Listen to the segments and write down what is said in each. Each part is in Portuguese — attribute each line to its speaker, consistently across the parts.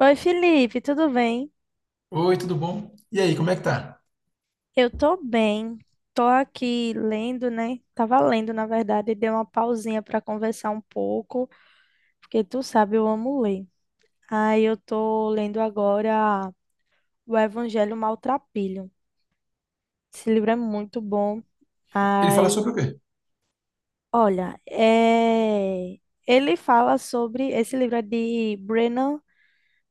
Speaker 1: Oi, Felipe, tudo bem?
Speaker 2: Oi, tudo bom? E aí, como é que tá?
Speaker 1: Eu tô bem. Tô aqui lendo, né? Tava lendo, na verdade, e dei uma pausinha para conversar um pouco, porque tu sabe, eu amo ler. Aí eu tô lendo agora o Evangelho Maltrapilho. Esse livro é muito bom.
Speaker 2: Ele fala
Speaker 1: Ai,
Speaker 2: sobre o quê?
Speaker 1: olha, ele fala sobre. Esse livro é de Brennan.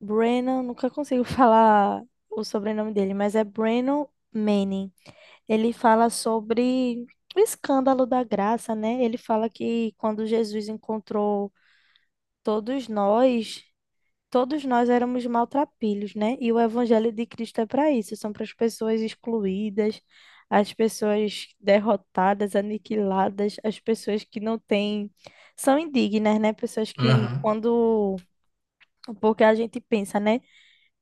Speaker 1: Brennan, nunca consigo falar o sobrenome dele, mas é Brennan Manning. Ele fala sobre o escândalo da graça, né? Ele fala que quando Jesus encontrou todos nós, todos nós éramos maltrapilhos, né? E o evangelho de Cristo é para isso, são para as pessoas excluídas, as pessoas derrotadas, aniquiladas, as pessoas que não têm, são indignas, né? Pessoas que
Speaker 2: Aham,
Speaker 1: quando, porque a gente pensa, né?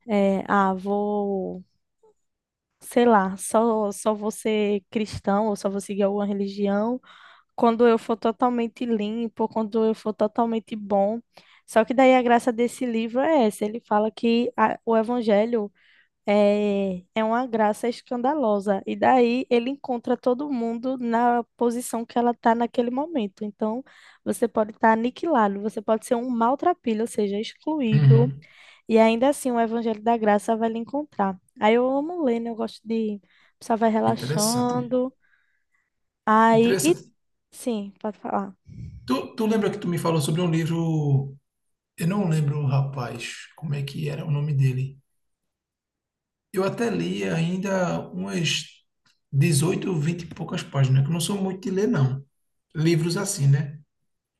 Speaker 1: É, ah, sei lá, só vou ser cristão ou só vou seguir alguma religião quando eu for totalmente limpo, quando eu for totalmente bom. Só que daí a graça desse livro é essa, ele fala que o evangelho é uma graça escandalosa, e daí ele encontra todo mundo na posição que ela está naquele momento. Então, você pode estar aniquilado, você pode ser um maltrapilho, ou seja, excluído,
Speaker 2: uhum.
Speaker 1: e ainda assim o evangelho da graça vai lhe encontrar. Aí eu amo ler, né? Eu gosto de. A pessoa vai
Speaker 2: Interessante.
Speaker 1: relaxando, aí. E,
Speaker 2: Interessante.
Speaker 1: sim, pode falar.
Speaker 2: Tu lembra que tu me falou sobre um livro? Eu não lembro, rapaz, como é que era o nome dele. Eu até li ainda umas 18, 20 e poucas páginas, que eu não sou muito de ler, não. Livros assim, né?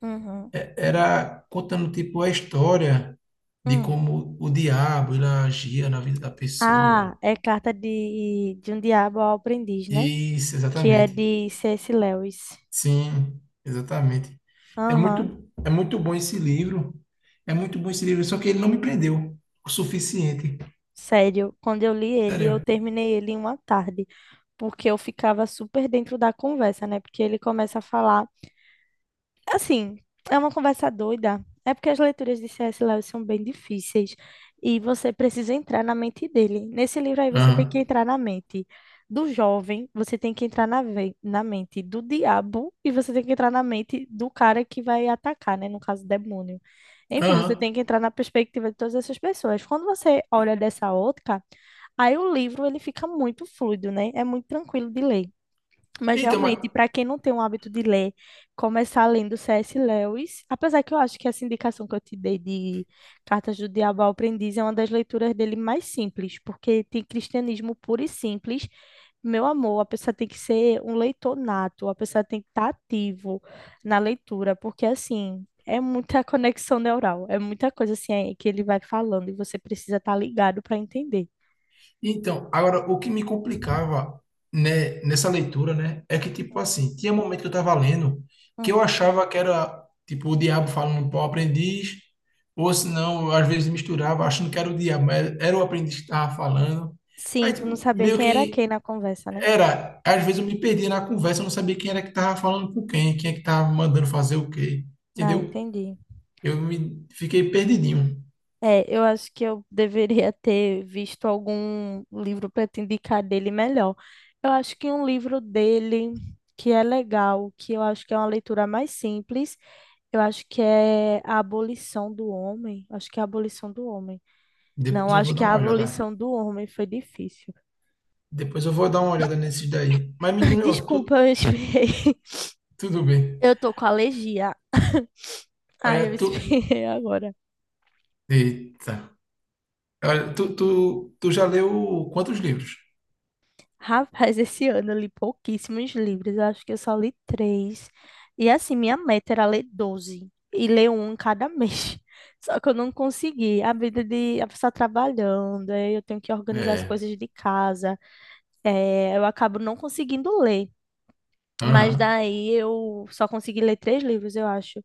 Speaker 1: Uhum.
Speaker 2: Era contando, tipo, a história de
Speaker 1: Hum.
Speaker 2: como o diabo ele agia na vida da
Speaker 1: Ah,
Speaker 2: pessoa.
Speaker 1: é carta de um diabo ao aprendiz, né?
Speaker 2: Isso,
Speaker 1: Que é
Speaker 2: exatamente.
Speaker 1: de C.S. Lewis.
Speaker 2: Sim, exatamente. É
Speaker 1: Aham,
Speaker 2: muito, é muito bom esse livro. É muito bom esse livro, só que ele não me prendeu o suficiente.
Speaker 1: sério. Quando eu li ele, eu
Speaker 2: Sério.
Speaker 1: terminei ele em uma tarde, porque eu ficava super dentro da conversa, né? Porque ele começa a falar. Assim, é uma conversa doida. É porque as leituras de C S Lewis são bem difíceis e você precisa entrar na mente dele. Nesse livro aí você tem que
Speaker 2: Aham.
Speaker 1: entrar na mente do jovem, você tem que entrar na mente do diabo e você tem que entrar na mente do cara que vai atacar, né? No caso, demônio. Enfim, você
Speaker 2: Aham.
Speaker 1: tem que entrar na perspectiva de todas essas pessoas. Quando você olha dessa ótica, aí o livro ele fica muito fluido, né? É muito tranquilo de ler. Mas
Speaker 2: Então, mas,
Speaker 1: realmente, para quem não tem o hábito de ler, começar lendo C.S. Lewis, apesar que eu acho que essa indicação que eu te dei de Cartas do Diabo ao Aprendiz é uma das leituras dele mais simples, porque tem cristianismo puro e simples. Meu amor, a pessoa tem que ser um leitor nato, a pessoa tem que estar ativo na leitura, porque assim, é muita conexão neural, é muita coisa assim é, que ele vai falando e você precisa estar ligado para entender.
Speaker 2: então, agora o que me complicava, né, nessa leitura, né, é que, tipo,
Speaker 1: Hum.
Speaker 2: assim, tinha momento que eu tava lendo que
Speaker 1: Hum.
Speaker 2: eu achava que era tipo o diabo falando para o aprendiz, ou se não, às vezes misturava achando que era o diabo, mas era o aprendiz que estava falando.
Speaker 1: Sim,
Speaker 2: Aí,
Speaker 1: tu não
Speaker 2: tipo,
Speaker 1: sabia
Speaker 2: meio
Speaker 1: quem era quem
Speaker 2: que
Speaker 1: na conversa, né?
Speaker 2: era, às vezes eu me perdia na conversa, eu não sabia quem era que tava falando com quem, quem é que tava mandando fazer o quê,
Speaker 1: Ah,
Speaker 2: entendeu?
Speaker 1: entendi.
Speaker 2: Eu me fiquei perdidinho.
Speaker 1: É, eu acho que eu deveria ter visto algum livro para te indicar dele melhor. Eu acho que um livro dele que é legal, que eu acho que é uma leitura mais simples, eu acho que é A Abolição do Homem. Acho que é A Abolição do Homem.
Speaker 2: Depois
Speaker 1: Não,
Speaker 2: eu vou
Speaker 1: acho
Speaker 2: dar
Speaker 1: que é A
Speaker 2: uma olhada.
Speaker 1: Abolição do Homem foi difícil.
Speaker 2: Depois eu vou dar uma olhada nesses daí. Mas me diz um negócio.
Speaker 1: Desculpa, eu espirrei.
Speaker 2: Tudo bem.
Speaker 1: Eu tô com alergia. Ah,
Speaker 2: Olha,
Speaker 1: eu
Speaker 2: tu.
Speaker 1: espirrei agora.
Speaker 2: Eita. Olha, tu já leu quantos livros?
Speaker 1: Rapaz, esse ano eu li pouquíssimos livros, eu acho que eu só li três. E assim, minha meta era ler 12 e ler um cada mês. Só que eu não consegui. A vida de a pessoa tá trabalhando, aí eu tenho que organizar as
Speaker 2: É.
Speaker 1: coisas de casa. Eu acabo não conseguindo ler. Mas
Speaker 2: Aham.
Speaker 1: daí eu só consegui ler três livros, eu acho.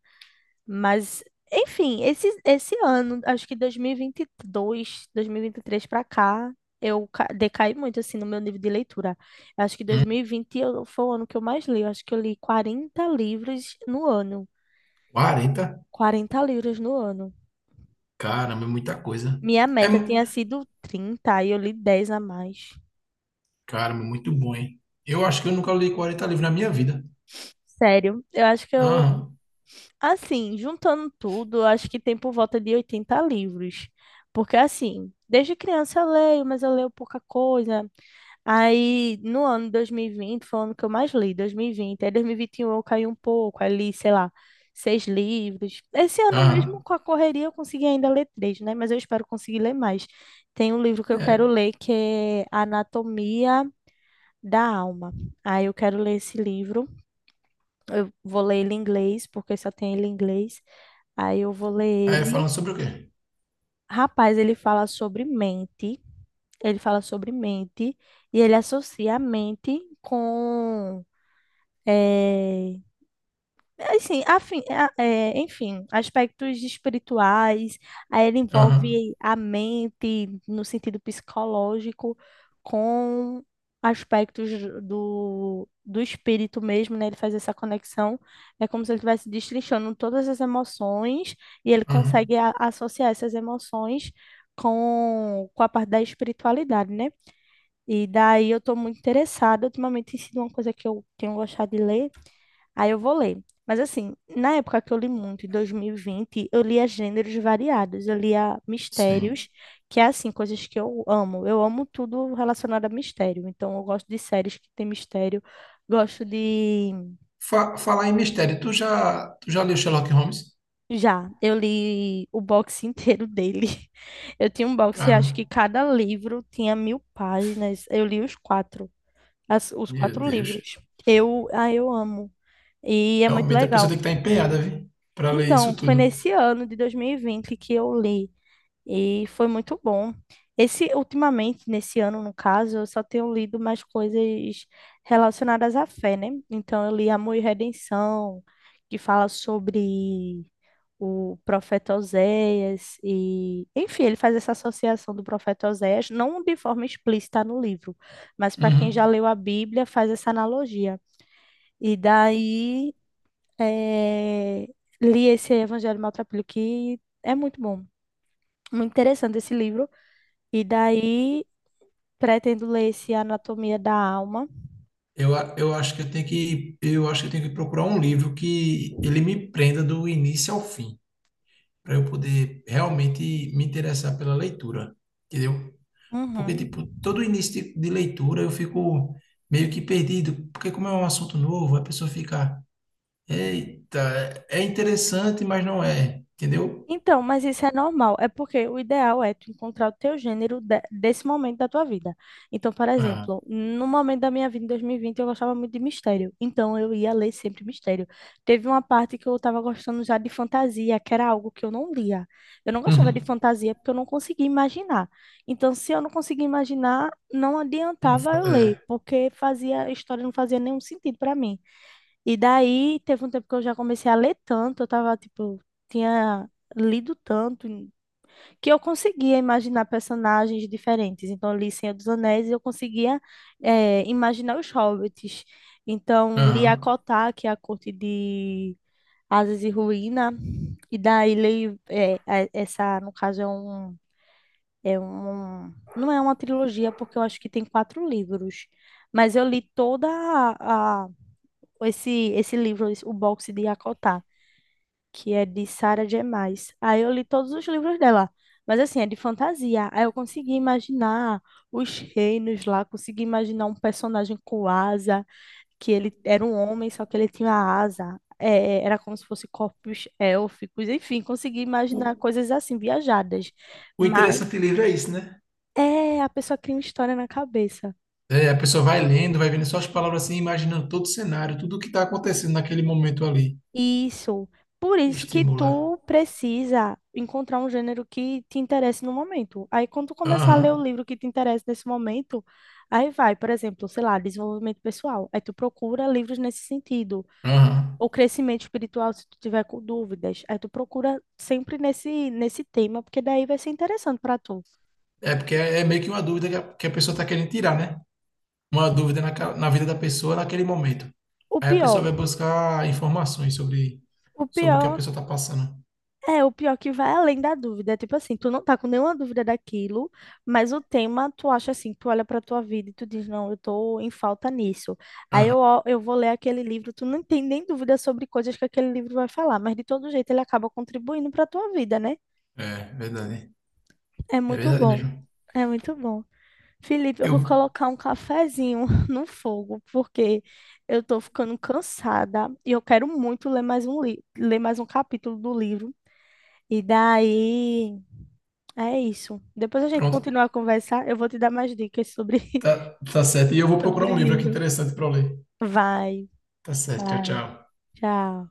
Speaker 1: Mas, enfim, esse ano, acho que dois mil e vinte e dois, dois mil e vinte e três para cá, eu decaí muito, assim, no meu nível de leitura. Eu acho que
Speaker 2: Hum,
Speaker 1: 2020 foi o ano que eu mais li. Eu acho que eu li 40 livros no ano.
Speaker 2: 40?
Speaker 1: 40 livros no ano.
Speaker 2: Caramba, é muita coisa.
Speaker 1: Minha
Speaker 2: É.
Speaker 1: meta tinha sido 30 e eu li 10 a mais.
Speaker 2: Caramba, é muito bom, hein? Eu acho que eu nunca li 40 livros na minha vida.
Speaker 1: Sério, eu acho que eu,
Speaker 2: Aham.
Speaker 1: assim, juntando tudo, eu acho que tem por volta de 80 livros. Porque, assim, desde criança eu leio, mas eu leio pouca coisa. Aí, no ano 2020, foi o ano que eu mais li, 2020. Aí, 2021 eu caí um pouco, aí li, sei lá, seis livros. Esse ano mesmo,
Speaker 2: Aham.
Speaker 1: com a correria, eu consegui ainda ler três, né? Mas eu espero conseguir ler mais. Tem um livro que eu quero
Speaker 2: É.
Speaker 1: ler que é Anatomia da Alma. Aí eu quero ler esse livro. Eu vou ler ele em inglês, porque só tem ele em inglês. Aí eu vou ler
Speaker 2: É,
Speaker 1: ele.
Speaker 2: falando sobre o quê?
Speaker 1: Rapaz, ele fala sobre mente. Ele fala sobre mente e ele associa a mente com é, assim, é, enfim, aspectos espirituais, aí ele
Speaker 2: Aham,
Speaker 1: envolve a mente no sentido psicológico com aspectos do espírito mesmo, né? Ele faz essa conexão, é como se ele estivesse destrinchando todas as emoções e ele
Speaker 2: aham,
Speaker 1: consegue associar essas emoções com a parte da espiritualidade, né? E daí eu estou muito interessada, ultimamente tem sido uma coisa que eu tenho gostado de ler, aí eu vou ler. Mas assim, na época que eu li muito, em 2020, eu lia gêneros variados. Eu lia
Speaker 2: sim.
Speaker 1: mistérios, que é assim, coisas que eu amo. Eu amo tudo relacionado a mistério. Então, eu gosto de séries que tem mistério. Gosto de.
Speaker 2: Falar em mistério, tu já leu Sherlock Holmes?
Speaker 1: Já, eu li o box inteiro dele. Eu tinha um box e acho que
Speaker 2: Caramba,
Speaker 1: cada livro tinha 1.000 páginas. Eu li os quatro, os
Speaker 2: meu
Speaker 1: quatro
Speaker 2: Deus.
Speaker 1: livros. Eu, ah, eu amo. E é muito
Speaker 2: Realmente a pessoa
Speaker 1: legal.
Speaker 2: tem que estar empenhada, viu? Pra ler isso
Speaker 1: Então, foi
Speaker 2: tudo.
Speaker 1: nesse ano de 2020 que eu li e foi muito bom. Esse ultimamente, nesse ano, no caso, eu só tenho lido mais coisas relacionadas à fé, né? Então, eu li Amor e Redenção, que fala sobre o profeta Oséias e, enfim, ele faz essa associação do profeta Oséias, não de forma explícita no livro, mas para quem já
Speaker 2: Uhum.
Speaker 1: leu a Bíblia, faz essa analogia. E daí eh, li esse Evangelho Maltrapilho, que é muito bom, muito interessante esse livro. E daí pretendo ler esse Anatomia da Alma.
Speaker 2: Eu acho que eu tenho que procurar um livro que ele me prenda do início ao fim, para eu poder realmente me interessar pela leitura, entendeu? Porque,
Speaker 1: Uhum.
Speaker 2: tipo, todo início de leitura eu fico meio que perdido, porque como é um assunto novo, a pessoa fica. Eita, é interessante, mas não é, entendeu?
Speaker 1: Então, mas isso é normal, é porque o ideal é tu encontrar o teu gênero desse momento da tua vida. Então, por
Speaker 2: Ah,
Speaker 1: exemplo, no momento da minha vida em 2020, eu gostava muito de mistério, então eu ia ler sempre mistério. Teve uma parte que eu estava gostando já de fantasia, que era algo que eu não lia. Eu não gostava de
Speaker 2: uhum.
Speaker 1: fantasia porque eu não conseguia imaginar. Então, se eu não conseguia imaginar, não
Speaker 2: Não
Speaker 1: adiantava
Speaker 2: fa-.
Speaker 1: eu ler,
Speaker 2: É,
Speaker 1: porque a história não fazia nenhum sentido para mim. E daí teve um tempo que eu já comecei a ler tanto, eu tava, tipo, tinha lido tanto, que eu conseguia imaginar personagens diferentes. Então, eu li Senhor dos Anéis e eu conseguia imaginar os hobbits. Então, li
Speaker 2: aham.
Speaker 1: Akotá, que é a corte de Asas e Ruína, e daí leio essa, no caso, é um, não é uma trilogia, porque eu acho que tem quatro livros, mas eu li toda a, esse livro, o boxe de Yakotá, que é de Sarah J. Maas. Aí eu li todos os livros dela, mas assim, é de fantasia. Aí eu consegui imaginar os reinos lá, consegui imaginar um personagem com asa, que ele era um homem, só que ele tinha asa. Era como se fosse corpos élficos, enfim, consegui
Speaker 2: O,
Speaker 1: imaginar coisas assim, viajadas.
Speaker 2: o
Speaker 1: Mas
Speaker 2: interessante livro é isso, né?
Speaker 1: é, a pessoa cria uma história na cabeça.
Speaker 2: É, a pessoa vai lendo, vai vendo só as palavras assim, imaginando todo o cenário, tudo o que está acontecendo naquele momento ali.
Speaker 1: Isso. Por isso que
Speaker 2: Estimula.
Speaker 1: tu precisa encontrar um gênero que te interesse no momento. Aí, quando tu começar a
Speaker 2: Aham,
Speaker 1: ler o livro que te interessa nesse momento, aí vai, por exemplo, sei lá, desenvolvimento pessoal. Aí tu procura livros nesse sentido.
Speaker 2: aham.
Speaker 1: Ou crescimento espiritual, se tu tiver com dúvidas. Aí tu procura sempre nesse tema, porque daí vai ser interessante para tu.
Speaker 2: É porque é meio que uma dúvida que a pessoa está querendo tirar, né? Uma dúvida na vida da pessoa naquele momento.
Speaker 1: O
Speaker 2: Aí a
Speaker 1: pior,
Speaker 2: pessoa vai buscar informações sobre,
Speaker 1: o
Speaker 2: sobre o que a
Speaker 1: pior
Speaker 2: pessoa está passando.
Speaker 1: o pior que vai além da dúvida. É tipo assim, tu não tá com nenhuma dúvida daquilo, mas o tema tu acha assim, tu olha pra tua vida e tu diz, não, eu tô em falta nisso. Aí
Speaker 2: Aham.
Speaker 1: eu vou ler aquele livro, tu não tem nem dúvida sobre coisas que aquele livro vai falar, mas de todo jeito ele acaba contribuindo pra tua vida, né?
Speaker 2: É verdade.
Speaker 1: É
Speaker 2: É
Speaker 1: muito
Speaker 2: verdade
Speaker 1: bom.
Speaker 2: mesmo.
Speaker 1: É muito bom. Felipe, eu
Speaker 2: Eu,
Speaker 1: vou colocar um cafezinho no fogo, porque eu tô ficando cansada e eu quero muito ler mais um capítulo do livro. E daí é isso. Depois a gente
Speaker 2: Pronto,
Speaker 1: continuar a conversar. Eu vou te dar mais dicas sobre,
Speaker 2: tá, tá certo. E eu vou procurar
Speaker 1: sobre
Speaker 2: um livro aqui
Speaker 1: livro.
Speaker 2: interessante para eu ler.
Speaker 1: Vai,
Speaker 2: Tá certo, tchau,
Speaker 1: vai.
Speaker 2: tchau.
Speaker 1: Tchau.